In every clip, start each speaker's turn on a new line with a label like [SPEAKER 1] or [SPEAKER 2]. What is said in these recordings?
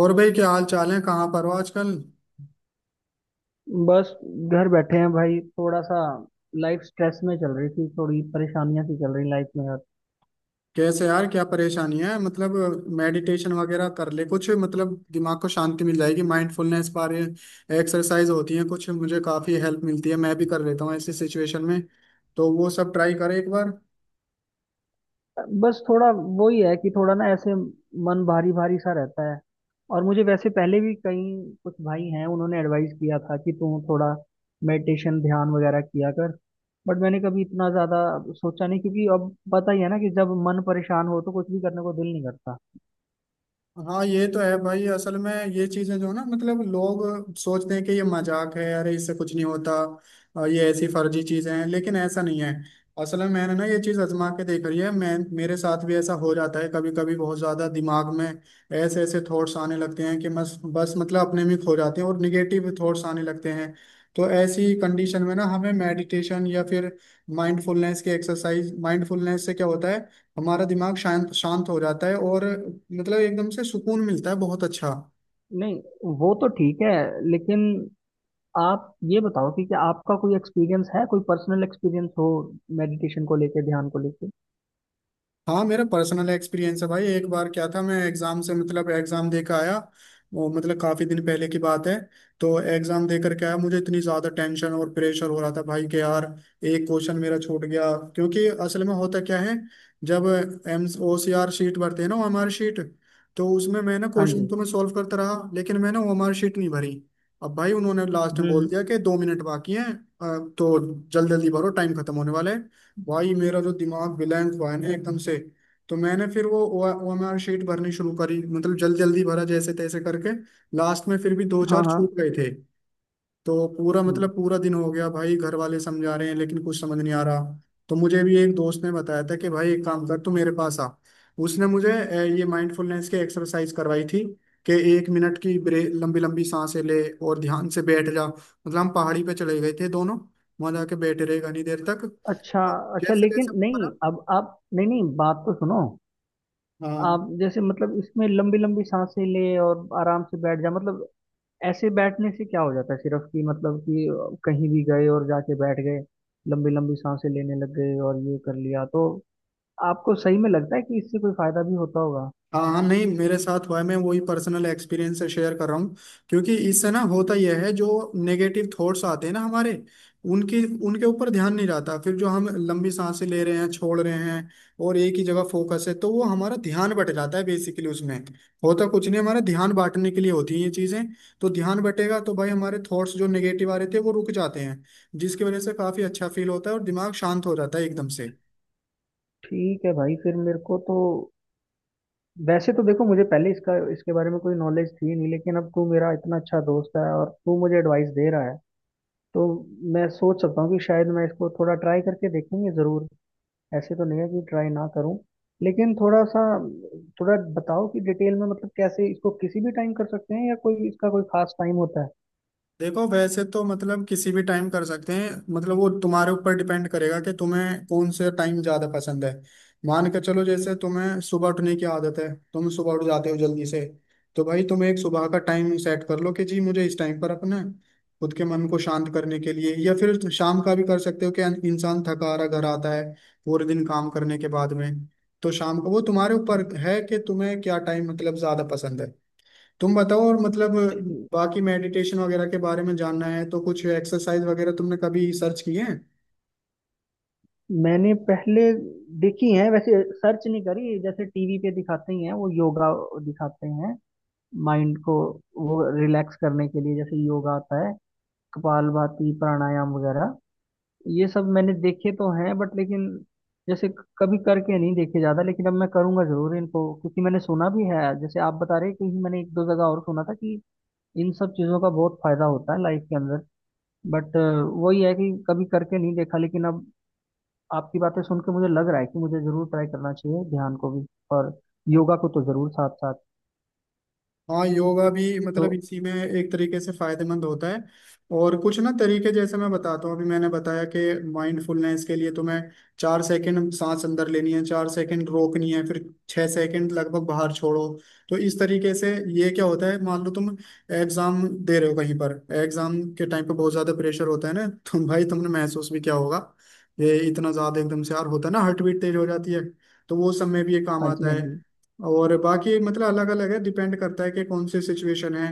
[SPEAKER 1] और भाई क्या हाल चाल है। कहाँ पर हो आजकल?
[SPEAKER 2] बस घर बैठे हैं भाई। थोड़ा सा लाइफ स्ट्रेस में चल रही थी, थोड़ी परेशानियां सी चल रही लाइफ में यार।
[SPEAKER 1] कैसे यार, क्या परेशानी है मतलब? मेडिटेशन वगैरह कर ले कुछ, मतलब दिमाग को शांति मिल जाएगी। माइंडफुलनेस बारे एक्सरसाइज होती है कुछ, मुझे काफी हेल्प मिलती है, मैं भी कर लेता हूँ ऐसी सिचुएशन में। तो वो सब ट्राई कर एक बार।
[SPEAKER 2] बस थोड़ा वो ही है कि थोड़ा ना ऐसे मन भारी भारी सा रहता है। और मुझे वैसे पहले भी कई कुछ भाई हैं उन्होंने एडवाइस किया था कि तू थोड़ा मेडिटेशन ध्यान वगैरह किया कर। बट मैंने कभी इतना ज्यादा सोचा नहीं, क्योंकि अब पता ही है ना कि जब मन परेशान हो तो कुछ भी करने को दिल नहीं करता।
[SPEAKER 1] हाँ ये तो है भाई, असल में ये चीजें जो है ना, मतलब लोग सोचते हैं कि ये मजाक है, अरे इससे कुछ नहीं होता। ये ऐसी फर्जी चीजें हैं लेकिन ऐसा नहीं है। असल में मैंने ना ये चीज आजमा के देख रही है, मैं मेरे साथ भी ऐसा हो जाता है कभी कभी, बहुत ज्यादा दिमाग में ऐसे ऐसे थॉट्स आने लगते हैं कि बस बस मतलब अपने में खो जाते हैं और निगेटिव थॉट्स आने लगते हैं। तो ऐसी कंडीशन में ना हमें मेडिटेशन या फिर माइंडफुलनेस की एक्सरसाइज। माइंडफुलनेस से क्या होता है, हमारा दिमाग शांत शांत हो जाता है और मतलब एकदम से सुकून मिलता है बहुत अच्छा।
[SPEAKER 2] नहीं, वो तो ठीक है लेकिन आप ये बताओ कि क्या आपका कोई एक्सपीरियंस है, कोई पर्सनल एक्सपीरियंस हो मेडिटेशन को लेके, ध्यान को लेके।
[SPEAKER 1] हाँ मेरा पर्सनल एक्सपीरियंस है भाई। एक बार क्या था, मैं एग्जाम से मतलब एग्जाम दे के आया, वो मतलब काफी दिन पहले की बात है। तो एग्जाम दे करके आया, मुझे इतनी ज्यादा टेंशन और प्रेशर हो रहा था भाई कि यार एक क्वेश्चन मेरा छूट गया। क्योंकि असल में होता क्या है, जब MOCR शीट भरते हैं ना, OMR शीट, तो उसमें मैं ना
[SPEAKER 2] हाँ
[SPEAKER 1] क्वेश्चन
[SPEAKER 2] जी।
[SPEAKER 1] तो मैं सॉल्व करता रहा लेकिन मैंने OMR शीट नहीं भरी। अब भाई उन्होंने लास्ट में बोल
[SPEAKER 2] हम्म।
[SPEAKER 1] दिया कि 2 मिनट बाकी हैं। तो जल्दी जल्दी भरो, टाइम खत्म होने वाला है। भाई मेरा तो दिमाग ब्लैंक हुआ है ना एकदम से। तो मैंने फिर वो OMR शीट भरनी शुरू करी, मतलब जल्दी जल्दी भरा जैसे तैसे करके, लास्ट में फिर भी दो
[SPEAKER 2] हाँ
[SPEAKER 1] चार
[SPEAKER 2] हाँ।
[SPEAKER 1] छूट गए थे। तो पूरा
[SPEAKER 2] हम्म।
[SPEAKER 1] मतलब पूरा दिन हो गया भाई, घर वाले समझा रहे हैं लेकिन कुछ समझ नहीं आ रहा। तो मुझे भी एक दोस्त ने बताया था कि भाई एक काम कर तू मेरे पास आ। उसने मुझे ये माइंडफुलनेस की एक्सरसाइज करवाई थी कि 1 मिनट की ब्रे लंबी लंबी सांसें ले और ध्यान से बैठ जा, मतलब हम पहाड़ी पे चले गए थे दोनों, वहां जाके बैठे रहे घनी देर तक।
[SPEAKER 2] अच्छा।
[SPEAKER 1] और
[SPEAKER 2] अच्छा,
[SPEAKER 1] जैसे
[SPEAKER 2] लेकिन
[SPEAKER 1] जैसे ऊपर
[SPEAKER 2] नहीं, अब आप, नहीं नहीं, बात तो सुनो।
[SPEAKER 1] हाँ
[SPEAKER 2] आप जैसे मतलब इसमें लंबी लंबी सांसें ले और आराम से बैठ जा, मतलब ऐसे बैठने से क्या हो जाता है सिर्फ, कि मतलब कि कहीं भी गए और जाके बैठ गए, लंबी लंबी सांसें लेने लग गए और ये कर लिया, तो आपको सही में लगता है कि इससे कोई फायदा भी होता होगा?
[SPEAKER 1] हाँ, हाँ नहीं, मेरे साथ हुआ है, मैं वही पर्सनल एक्सपीरियंस से शेयर कर रहा हूँ। क्योंकि इससे ना होता यह है, जो नेगेटिव थॉट्स आते हैं ना हमारे, उनकी उनके ऊपर ध्यान नहीं रहता फिर, जो हम लंबी सांसें ले रहे हैं छोड़ रहे हैं और एक ही जगह फोकस है, तो वो हमारा ध्यान बट जाता है बेसिकली उसमें। होता कुछ नहीं, हमारा ध्यान बांटने के लिए होती है ये चीज़ें। तो ध्यान बटेगा तो भाई हमारे थॉट्स जो नेगेटिव आ रहे थे वो रुक जाते हैं, जिसकी वजह से काफ़ी अच्छा फील होता है और दिमाग शांत हो जाता है एकदम से।
[SPEAKER 2] ठीक है भाई, फिर मेरे को तो वैसे तो देखो, मुझे पहले इसका इसके बारे में कोई नॉलेज थी नहीं, लेकिन अब तू मेरा इतना अच्छा दोस्त है और तू मुझे एडवाइस दे रहा है, तो मैं सोच सकता हूँ कि शायद मैं इसको थोड़ा ट्राई करके देखेंगे ज़रूर। ऐसे तो नहीं है कि ट्राई ना करूँ, लेकिन थोड़ा सा, थोड़ा बताओ कि डिटेल में, मतलब कैसे इसको, किसी भी टाइम कर सकते हैं या कोई इसका कोई खास टाइम होता
[SPEAKER 1] देखो वैसे तो मतलब किसी भी टाइम कर सकते हैं, मतलब वो तुम्हारे ऊपर डिपेंड करेगा कि तुम्हें कौन से टाइम ज्यादा पसंद है। मान के चलो जैसे तुम्हें सुबह उठने की आदत है, तुम सुबह उठ जाते हो जल्दी से, तो भाई तुम एक सुबह का टाइम सेट कर लो कि जी मुझे इस टाइम पर अपने खुद के मन को शांत करने के लिए। या फिर शाम का भी कर सकते हो कि इंसान थका हारा घर आता है पूरे दिन काम करने के बाद में, तो शाम को। वो तुम्हारे ऊपर है कि तुम्हें क्या टाइम मतलब ज्यादा पसंद है, तुम बताओ। और मतलब
[SPEAKER 2] है।
[SPEAKER 1] बाकी मेडिटेशन वगैरह के बारे में जानना है तो कुछ एक्सरसाइज वगैरह तुमने कभी सर्च किए हैं?
[SPEAKER 2] मैंने पहले देखी है, वैसे सर्च नहीं करी, जैसे टीवी पे दिखाते ही हैं वो योगा दिखाते हैं, माइंड को वो रिलैक्स करने के लिए। जैसे योगा आता है कपालभाति प्राणायाम वगैरह, ये सब मैंने देखे तो हैं बट, लेकिन जैसे कभी करके नहीं देखे ज्यादा। लेकिन अब मैं करूंगा जरूर इनको, क्योंकि मैंने सुना भी है जैसे आप बता रहे हैं, कि मैंने एक दो जगह और सुना था कि इन सब चीजों का बहुत फायदा होता है लाइफ के अंदर। बट वही है कि कभी करके नहीं देखा, लेकिन अब आपकी बातें सुन के मुझे लग रहा है कि मुझे जरूर ट्राई करना चाहिए ध्यान को भी, और योगा को तो जरूर, साथ साथ
[SPEAKER 1] हाँ योगा भी
[SPEAKER 2] तो।
[SPEAKER 1] मतलब इसी में एक तरीके से फायदेमंद होता है। और कुछ ना तरीके जैसे मैं बताता हूँ, अभी मैंने बताया कि माइंडफुलनेस के लिए तुम्हें 4 सेकंड सांस अंदर लेनी है, 4 सेकंड रोकनी है, फिर 6 सेकंड लगभग बाहर छोड़ो। तो इस तरीके से, ये क्या होता है, मान लो तुम एग्जाम दे रहे हो कहीं पर, एग्जाम के टाइम पे बहुत ज्यादा प्रेशर होता है ना तुम भाई तुमने महसूस भी किया होगा, ये इतना ज्यादा एकदम से यार होता है ना, हार्ट बीट तेज हो जाती है। तो वो सब में भी ये काम
[SPEAKER 2] हाँ जी
[SPEAKER 1] आता
[SPEAKER 2] हाँ
[SPEAKER 1] है।
[SPEAKER 2] जी।
[SPEAKER 1] और बाकी मतलब अलग अलग है, डिपेंड करता है कि कौन सी सिचुएशन है।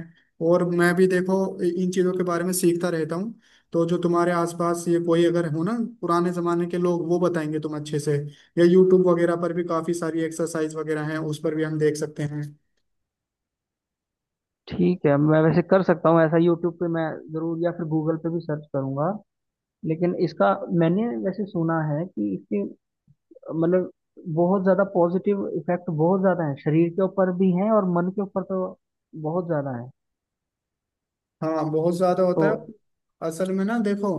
[SPEAKER 1] और मैं भी देखो इन चीज़ों के बारे में सीखता रहता हूँ। तो जो तुम्हारे आसपास ये कोई अगर हो ना पुराने जमाने के लोग, वो बताएंगे तुम अच्छे से। या यूट्यूब वगैरह पर भी काफ़ी सारी एक्सरसाइज वगैरह हैं, उस पर भी हम देख सकते हैं।
[SPEAKER 2] ठीक है, मैं वैसे कर सकता हूँ ऐसा। यूट्यूब पे मैं ज़रूर या फिर गूगल पे भी सर्च करूंगा। लेकिन इसका मैंने वैसे सुना है कि इसके, मतलब बहुत ज़्यादा पॉजिटिव इफेक्ट बहुत ज़्यादा है शरीर के ऊपर भी है, और मन के ऊपर तो बहुत ज़्यादा है
[SPEAKER 1] हाँ बहुत ज्यादा होता
[SPEAKER 2] तो।
[SPEAKER 1] है। असल में ना देखो,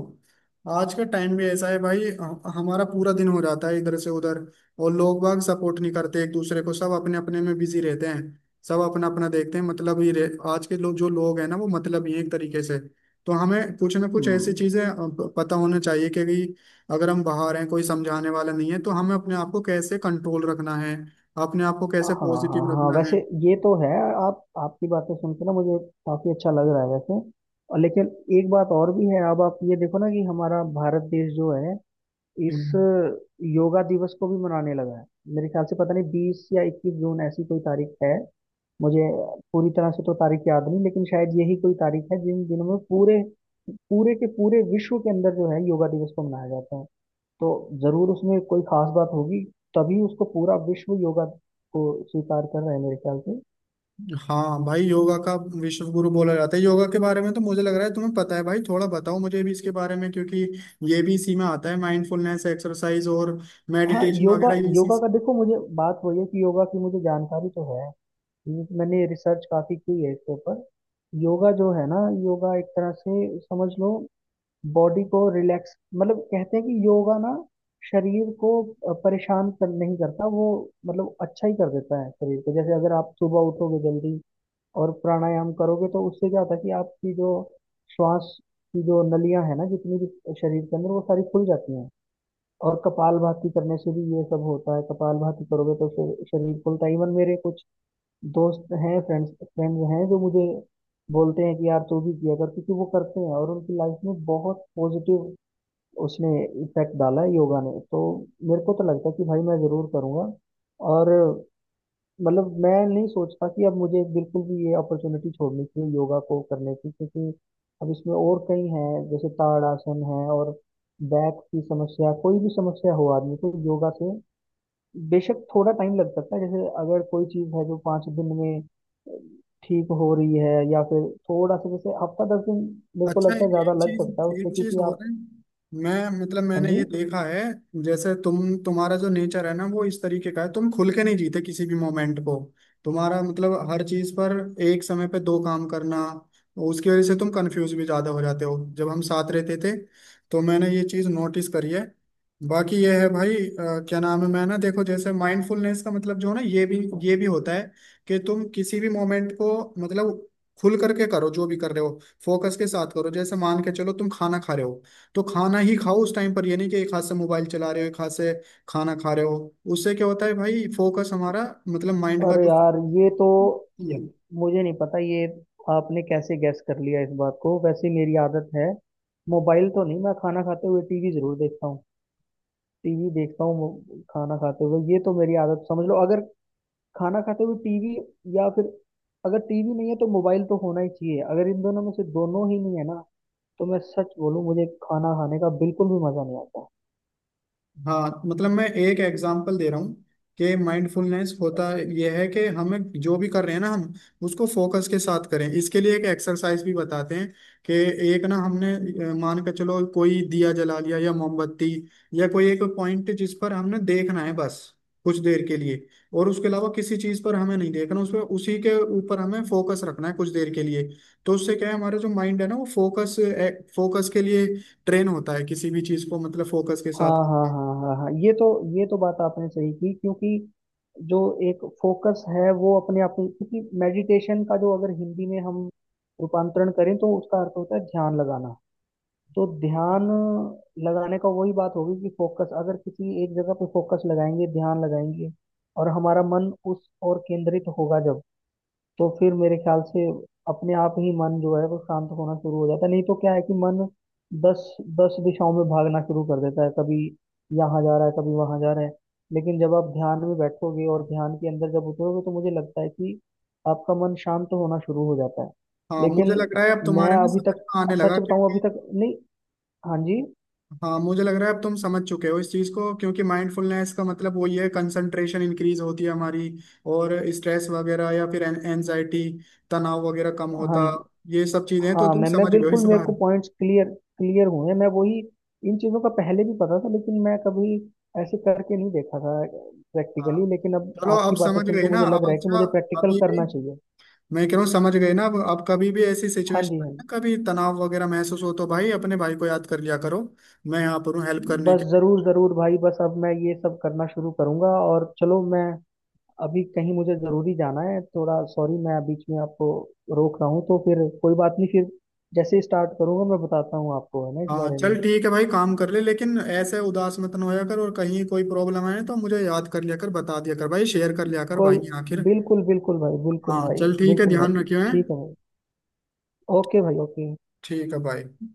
[SPEAKER 1] आज का टाइम भी ऐसा है भाई, हमारा पूरा दिन हो जाता है इधर से उधर और लोग बाग सपोर्ट नहीं करते एक दूसरे को, सब अपने अपने में बिजी रहते हैं। सब अपना अपना देखते हैं, मतलब ही आज के लोग जो लोग हैं ना वो मतलब ही हैं एक तरीके से। तो हमें कुछ ना कुछ ऐसी
[SPEAKER 2] हम्म,
[SPEAKER 1] चीजें पता होना चाहिए कि भाई अगर हम बाहर हैं, कोई समझाने वाला नहीं है, तो हमें अपने आप को कैसे कंट्रोल रखना है, अपने आप को
[SPEAKER 2] हाँ
[SPEAKER 1] कैसे
[SPEAKER 2] हाँ
[SPEAKER 1] पॉजिटिव
[SPEAKER 2] हाँ।
[SPEAKER 1] रखना
[SPEAKER 2] वैसे ये तो है। आप आपकी बातें सुनकर ना मुझे काफ़ी अच्छा लग रहा है वैसे। और लेकिन एक बात और भी है। अब आप ये देखो ना कि हमारा भारत देश जो है
[SPEAKER 1] है।
[SPEAKER 2] इस योगा दिवस को भी मनाने लगा है। मेरे ख्याल से पता नहीं 20 या 21 जून ऐसी कोई तारीख है, मुझे पूरी तरह से तो तारीख याद नहीं, लेकिन शायद यही कोई तारीख है जिन दिनों में पूरे, पूरे के पूरे विश्व के अंदर जो है योगा दिवस को मनाया जाता है। तो जरूर उसमें कोई खास बात होगी, तभी उसको पूरा विश्व योगा को स्वीकार कर रहा है, मेरे ख्याल से।
[SPEAKER 1] हाँ भाई योगा का विश्व गुरु बोला जाता है योगा के बारे में। तो मुझे लग रहा है तुम्हें पता है भाई, थोड़ा बताओ मुझे भी इसके बारे में, क्योंकि ये भी इसी में आता है, माइंडफुलनेस एक्सरसाइज और
[SPEAKER 2] हाँ
[SPEAKER 1] मेडिटेशन
[SPEAKER 2] योगा,
[SPEAKER 1] वगैरह ये इसी।
[SPEAKER 2] योगा का देखो, मुझे बात वही है कि योगा की मुझे जानकारी तो है, मैंने रिसर्च काफी की है इसके ऊपर। योगा जो है ना, योगा एक तरह से समझ लो बॉडी को रिलैक्स, मतलब कहते हैं कि योगा ना शरीर को परेशान कर नहीं करता, वो मतलब अच्छा ही कर देता है शरीर को। जैसे अगर आप सुबह उठोगे जल्दी और प्राणायाम करोगे, तो उससे क्या होता है कि आपकी जो श्वास की जो नलियां है ना, जितनी भी शरीर के अंदर, वो सारी खुल जाती हैं। और कपालभाति करने से भी ये सब होता है। कपालभाति करोगे तो फिर शरीर खुलता है। इवन मेरे कुछ दोस्त हैं, फ्रेंड्स फ्रेंड्स हैं जो मुझे बोलते हैं कि यार तू भी किया कर, क्योंकि वो करते हैं और उनकी लाइफ में बहुत पॉजिटिव उसने इफेक्ट डाला है योगा ने, तो मेरे को तो लगता है कि भाई मैं जरूर करूँगा। और मतलब मैं नहीं सोचता कि अब मुझे बिल्कुल भी ये अपॉर्चुनिटी छोड़नी चाहिए योगा को करने की, क्योंकि अब इसमें और कई हैं जैसे ताड़ासन है, और बैक की समस्या, कोई भी समस्या हो आदमी को योगा से बेशक थोड़ा टाइम लग सकता है। जैसे अगर कोई चीज़ है जो पाँच दिन में ठीक हो रही है या फिर थोड़ा सा जैसे हफ्ता दस दिन मेरे को
[SPEAKER 1] अच्छा
[SPEAKER 2] लगता है ज़्यादा
[SPEAKER 1] एक
[SPEAKER 2] लग
[SPEAKER 1] चीज,
[SPEAKER 2] सकता है उससे,
[SPEAKER 1] एक चीज
[SPEAKER 2] क्योंकि
[SPEAKER 1] और
[SPEAKER 2] आप।
[SPEAKER 1] है, मैं मतलब
[SPEAKER 2] हाँ
[SPEAKER 1] मैंने ये
[SPEAKER 2] जी।
[SPEAKER 1] देखा है, जैसे तुम्हारा जो नेचर है ना वो इस तरीके का है, तुम खुल के नहीं जीते किसी भी मोमेंट को। तुम्हारा मतलब हर चीज पर एक समय पे दो काम करना, उसकी वजह से तुम कंफ्यूज भी ज्यादा हो जाते हो। जब हम साथ रहते थे तो मैंने ये चीज नोटिस करी है। बाकी ये है भाई, क्या नाम है, मैं ना देखो जैसे माइंडफुलनेस का मतलब जो है ना, ये भी होता है कि तुम किसी भी मोमेंट को मतलब खुल करके करो, जो भी कर रहे हो फोकस के साथ करो। जैसे मान के चलो तुम खाना खा रहे हो, तो खाना ही खाओ उस टाइम पर, ये नहीं कि एक हाथ से मोबाइल चला रहे हो, एक हाथ से खाना खा रहे हो। उससे क्या होता है भाई, फोकस हमारा मतलब माइंड का
[SPEAKER 2] अरे यार ये तो,
[SPEAKER 1] जो,
[SPEAKER 2] मुझे नहीं पता ये आपने कैसे गैस कर लिया इस बात को। वैसे मेरी आदत है, मोबाइल तो नहीं, मैं खाना खाते हुए टीवी जरूर देखता हूँ। टीवी देखता हूँ, खाना खाते हुए, ये तो मेरी आदत समझ लो। अगर खाना खाते हुए टीवी, या फिर अगर टीवी नहीं है तो मोबाइल तो होना ही चाहिए। अगर इन दोनों में से दोनों ही नहीं है ना, तो मैं सच बोलूं मुझे खाना खाने का बिल्कुल भी मजा नहीं आता।
[SPEAKER 1] हाँ मतलब मैं एक एग्जांपल दे रहा हूँ कि माइंडफुलनेस होता यह है कि हमें जो भी कर रहे हैं ना हम, उसको फोकस के साथ करें। इसके लिए एक एक्सरसाइज भी बताते हैं कि एक ना हमने मान के चलो कोई दिया जला लिया या मोमबत्ती या कोई एक पॉइंट, जिस पर हमने देखना है बस कुछ देर के लिए, और उसके अलावा किसी चीज पर हमें नहीं देखना उसमें, उसी के ऊपर हमें फोकस रखना है कुछ देर के लिए। तो उससे क्या है, हमारा जो माइंड है ना वो फोकस फोकस के लिए ट्रेन होता है, किसी भी चीज को मतलब फोकस के
[SPEAKER 2] हाँ
[SPEAKER 1] साथ।
[SPEAKER 2] हाँ हाँ हाँ हाँ, ये तो, ये तो बात आपने सही की, क्योंकि जो एक फोकस है वो अपने आप में, क्योंकि मेडिटेशन का जो अगर हिंदी में हम रूपांतरण करें तो उसका अर्थ होता है ध्यान लगाना। तो ध्यान लगाने का वही बात होगी कि फोकस, अगर किसी एक जगह पे फोकस लगाएंगे ध्यान लगाएंगे और हमारा मन उस ओर केंद्रित होगा जब, तो फिर मेरे ख्याल से अपने आप ही मन जो है वो शांत होना शुरू हो जाता है। नहीं तो क्या है कि मन दस, दस दिशाओं में भागना शुरू कर देता है, कभी यहाँ जा रहा है कभी वहाँ जा रहा है। लेकिन जब आप ध्यान में बैठोगे और ध्यान के अंदर जब उतरोगे तो मुझे लगता है कि आपका मन शांत होना शुरू हो जाता है।
[SPEAKER 1] हाँ मुझे
[SPEAKER 2] लेकिन
[SPEAKER 1] लग रहा है अब
[SPEAKER 2] मैं
[SPEAKER 1] तुम्हारे में
[SPEAKER 2] अभी
[SPEAKER 1] समझ
[SPEAKER 2] तक,
[SPEAKER 1] में आने लगा
[SPEAKER 2] सच बताऊं अभी
[SPEAKER 1] क्योंकि,
[SPEAKER 2] तक नहीं। हाँ जी
[SPEAKER 1] हाँ मुझे लग रहा है अब तुम समझ चुके हो इस चीज को। क्योंकि माइंडफुलनेस का मतलब वही है, कंसंट्रेशन इंक्रीज होती है हमारी और स्ट्रेस वगैरह या फिर एनजाइटी, तनाव वगैरह कम
[SPEAKER 2] हाँ
[SPEAKER 1] होता।
[SPEAKER 2] जी।
[SPEAKER 1] ये सब चीजें तो
[SPEAKER 2] हाँ,
[SPEAKER 1] तुम
[SPEAKER 2] मैं
[SPEAKER 1] समझ गए हो
[SPEAKER 2] बिल्कुल,
[SPEAKER 1] इस
[SPEAKER 2] मेरे
[SPEAKER 1] बार।
[SPEAKER 2] को पॉइंट्स क्लियर, क्लियर हुए हैं। मैं वही इन चीज़ों का पहले भी पता था लेकिन मैं कभी ऐसे करके नहीं देखा था
[SPEAKER 1] हाँ
[SPEAKER 2] प्रैक्टिकली, लेकिन अब
[SPEAKER 1] चलो अब
[SPEAKER 2] आपकी बातें
[SPEAKER 1] समझ
[SPEAKER 2] सुन
[SPEAKER 1] गए
[SPEAKER 2] के
[SPEAKER 1] ना,
[SPEAKER 2] मुझे लग
[SPEAKER 1] अब
[SPEAKER 2] रहा है कि
[SPEAKER 1] अच्छा।
[SPEAKER 2] मुझे प्रैक्टिकल
[SPEAKER 1] अभी भी
[SPEAKER 2] करना चाहिए।
[SPEAKER 1] मैं कह रहा हूँ समझ गए ना अब कभी भी ऐसी
[SPEAKER 2] हाँ जी हाँ जी।
[SPEAKER 1] सिचुएशन कभी तनाव वगैरह महसूस हो तो भाई अपने भाई को याद कर लिया करो। मैं यहाँ पर हूँ हेल्प करने
[SPEAKER 2] बस
[SPEAKER 1] के।
[SPEAKER 2] ज़रूर ज़रूर भाई, बस अब मैं ये सब करना शुरू करूँगा। और चलो मैं अभी कहीं मुझे ज़रूरी जाना है थोड़ा, सॉरी मैं बीच में आपको रोक रहा हूँ, तो फिर कोई बात नहीं, फिर जैसे स्टार्ट करूँगा मैं बताता हूँ आपको है ना इस
[SPEAKER 1] हाँ
[SPEAKER 2] बारे
[SPEAKER 1] चल
[SPEAKER 2] में
[SPEAKER 1] ठीक है भाई काम कर ले, लेकिन ऐसे उदास मत ना होया कर, और कहीं कोई प्रॉब्लम आए तो मुझे याद कर लिया कर, बता दिया कर भाई, शेयर कर लिया कर भाई
[SPEAKER 2] कोई।
[SPEAKER 1] आखिर।
[SPEAKER 2] बिल्कुल बिल्कुल भाई, बिल्कुल
[SPEAKER 1] हाँ
[SPEAKER 2] भाई,
[SPEAKER 1] चल ठीक है,
[SPEAKER 2] बिल्कुल
[SPEAKER 1] ध्यान
[SPEAKER 2] भाई।
[SPEAKER 1] रखियो है,
[SPEAKER 2] ठीक है भाई। ओके भाई, ओके।
[SPEAKER 1] ठीक है भाई।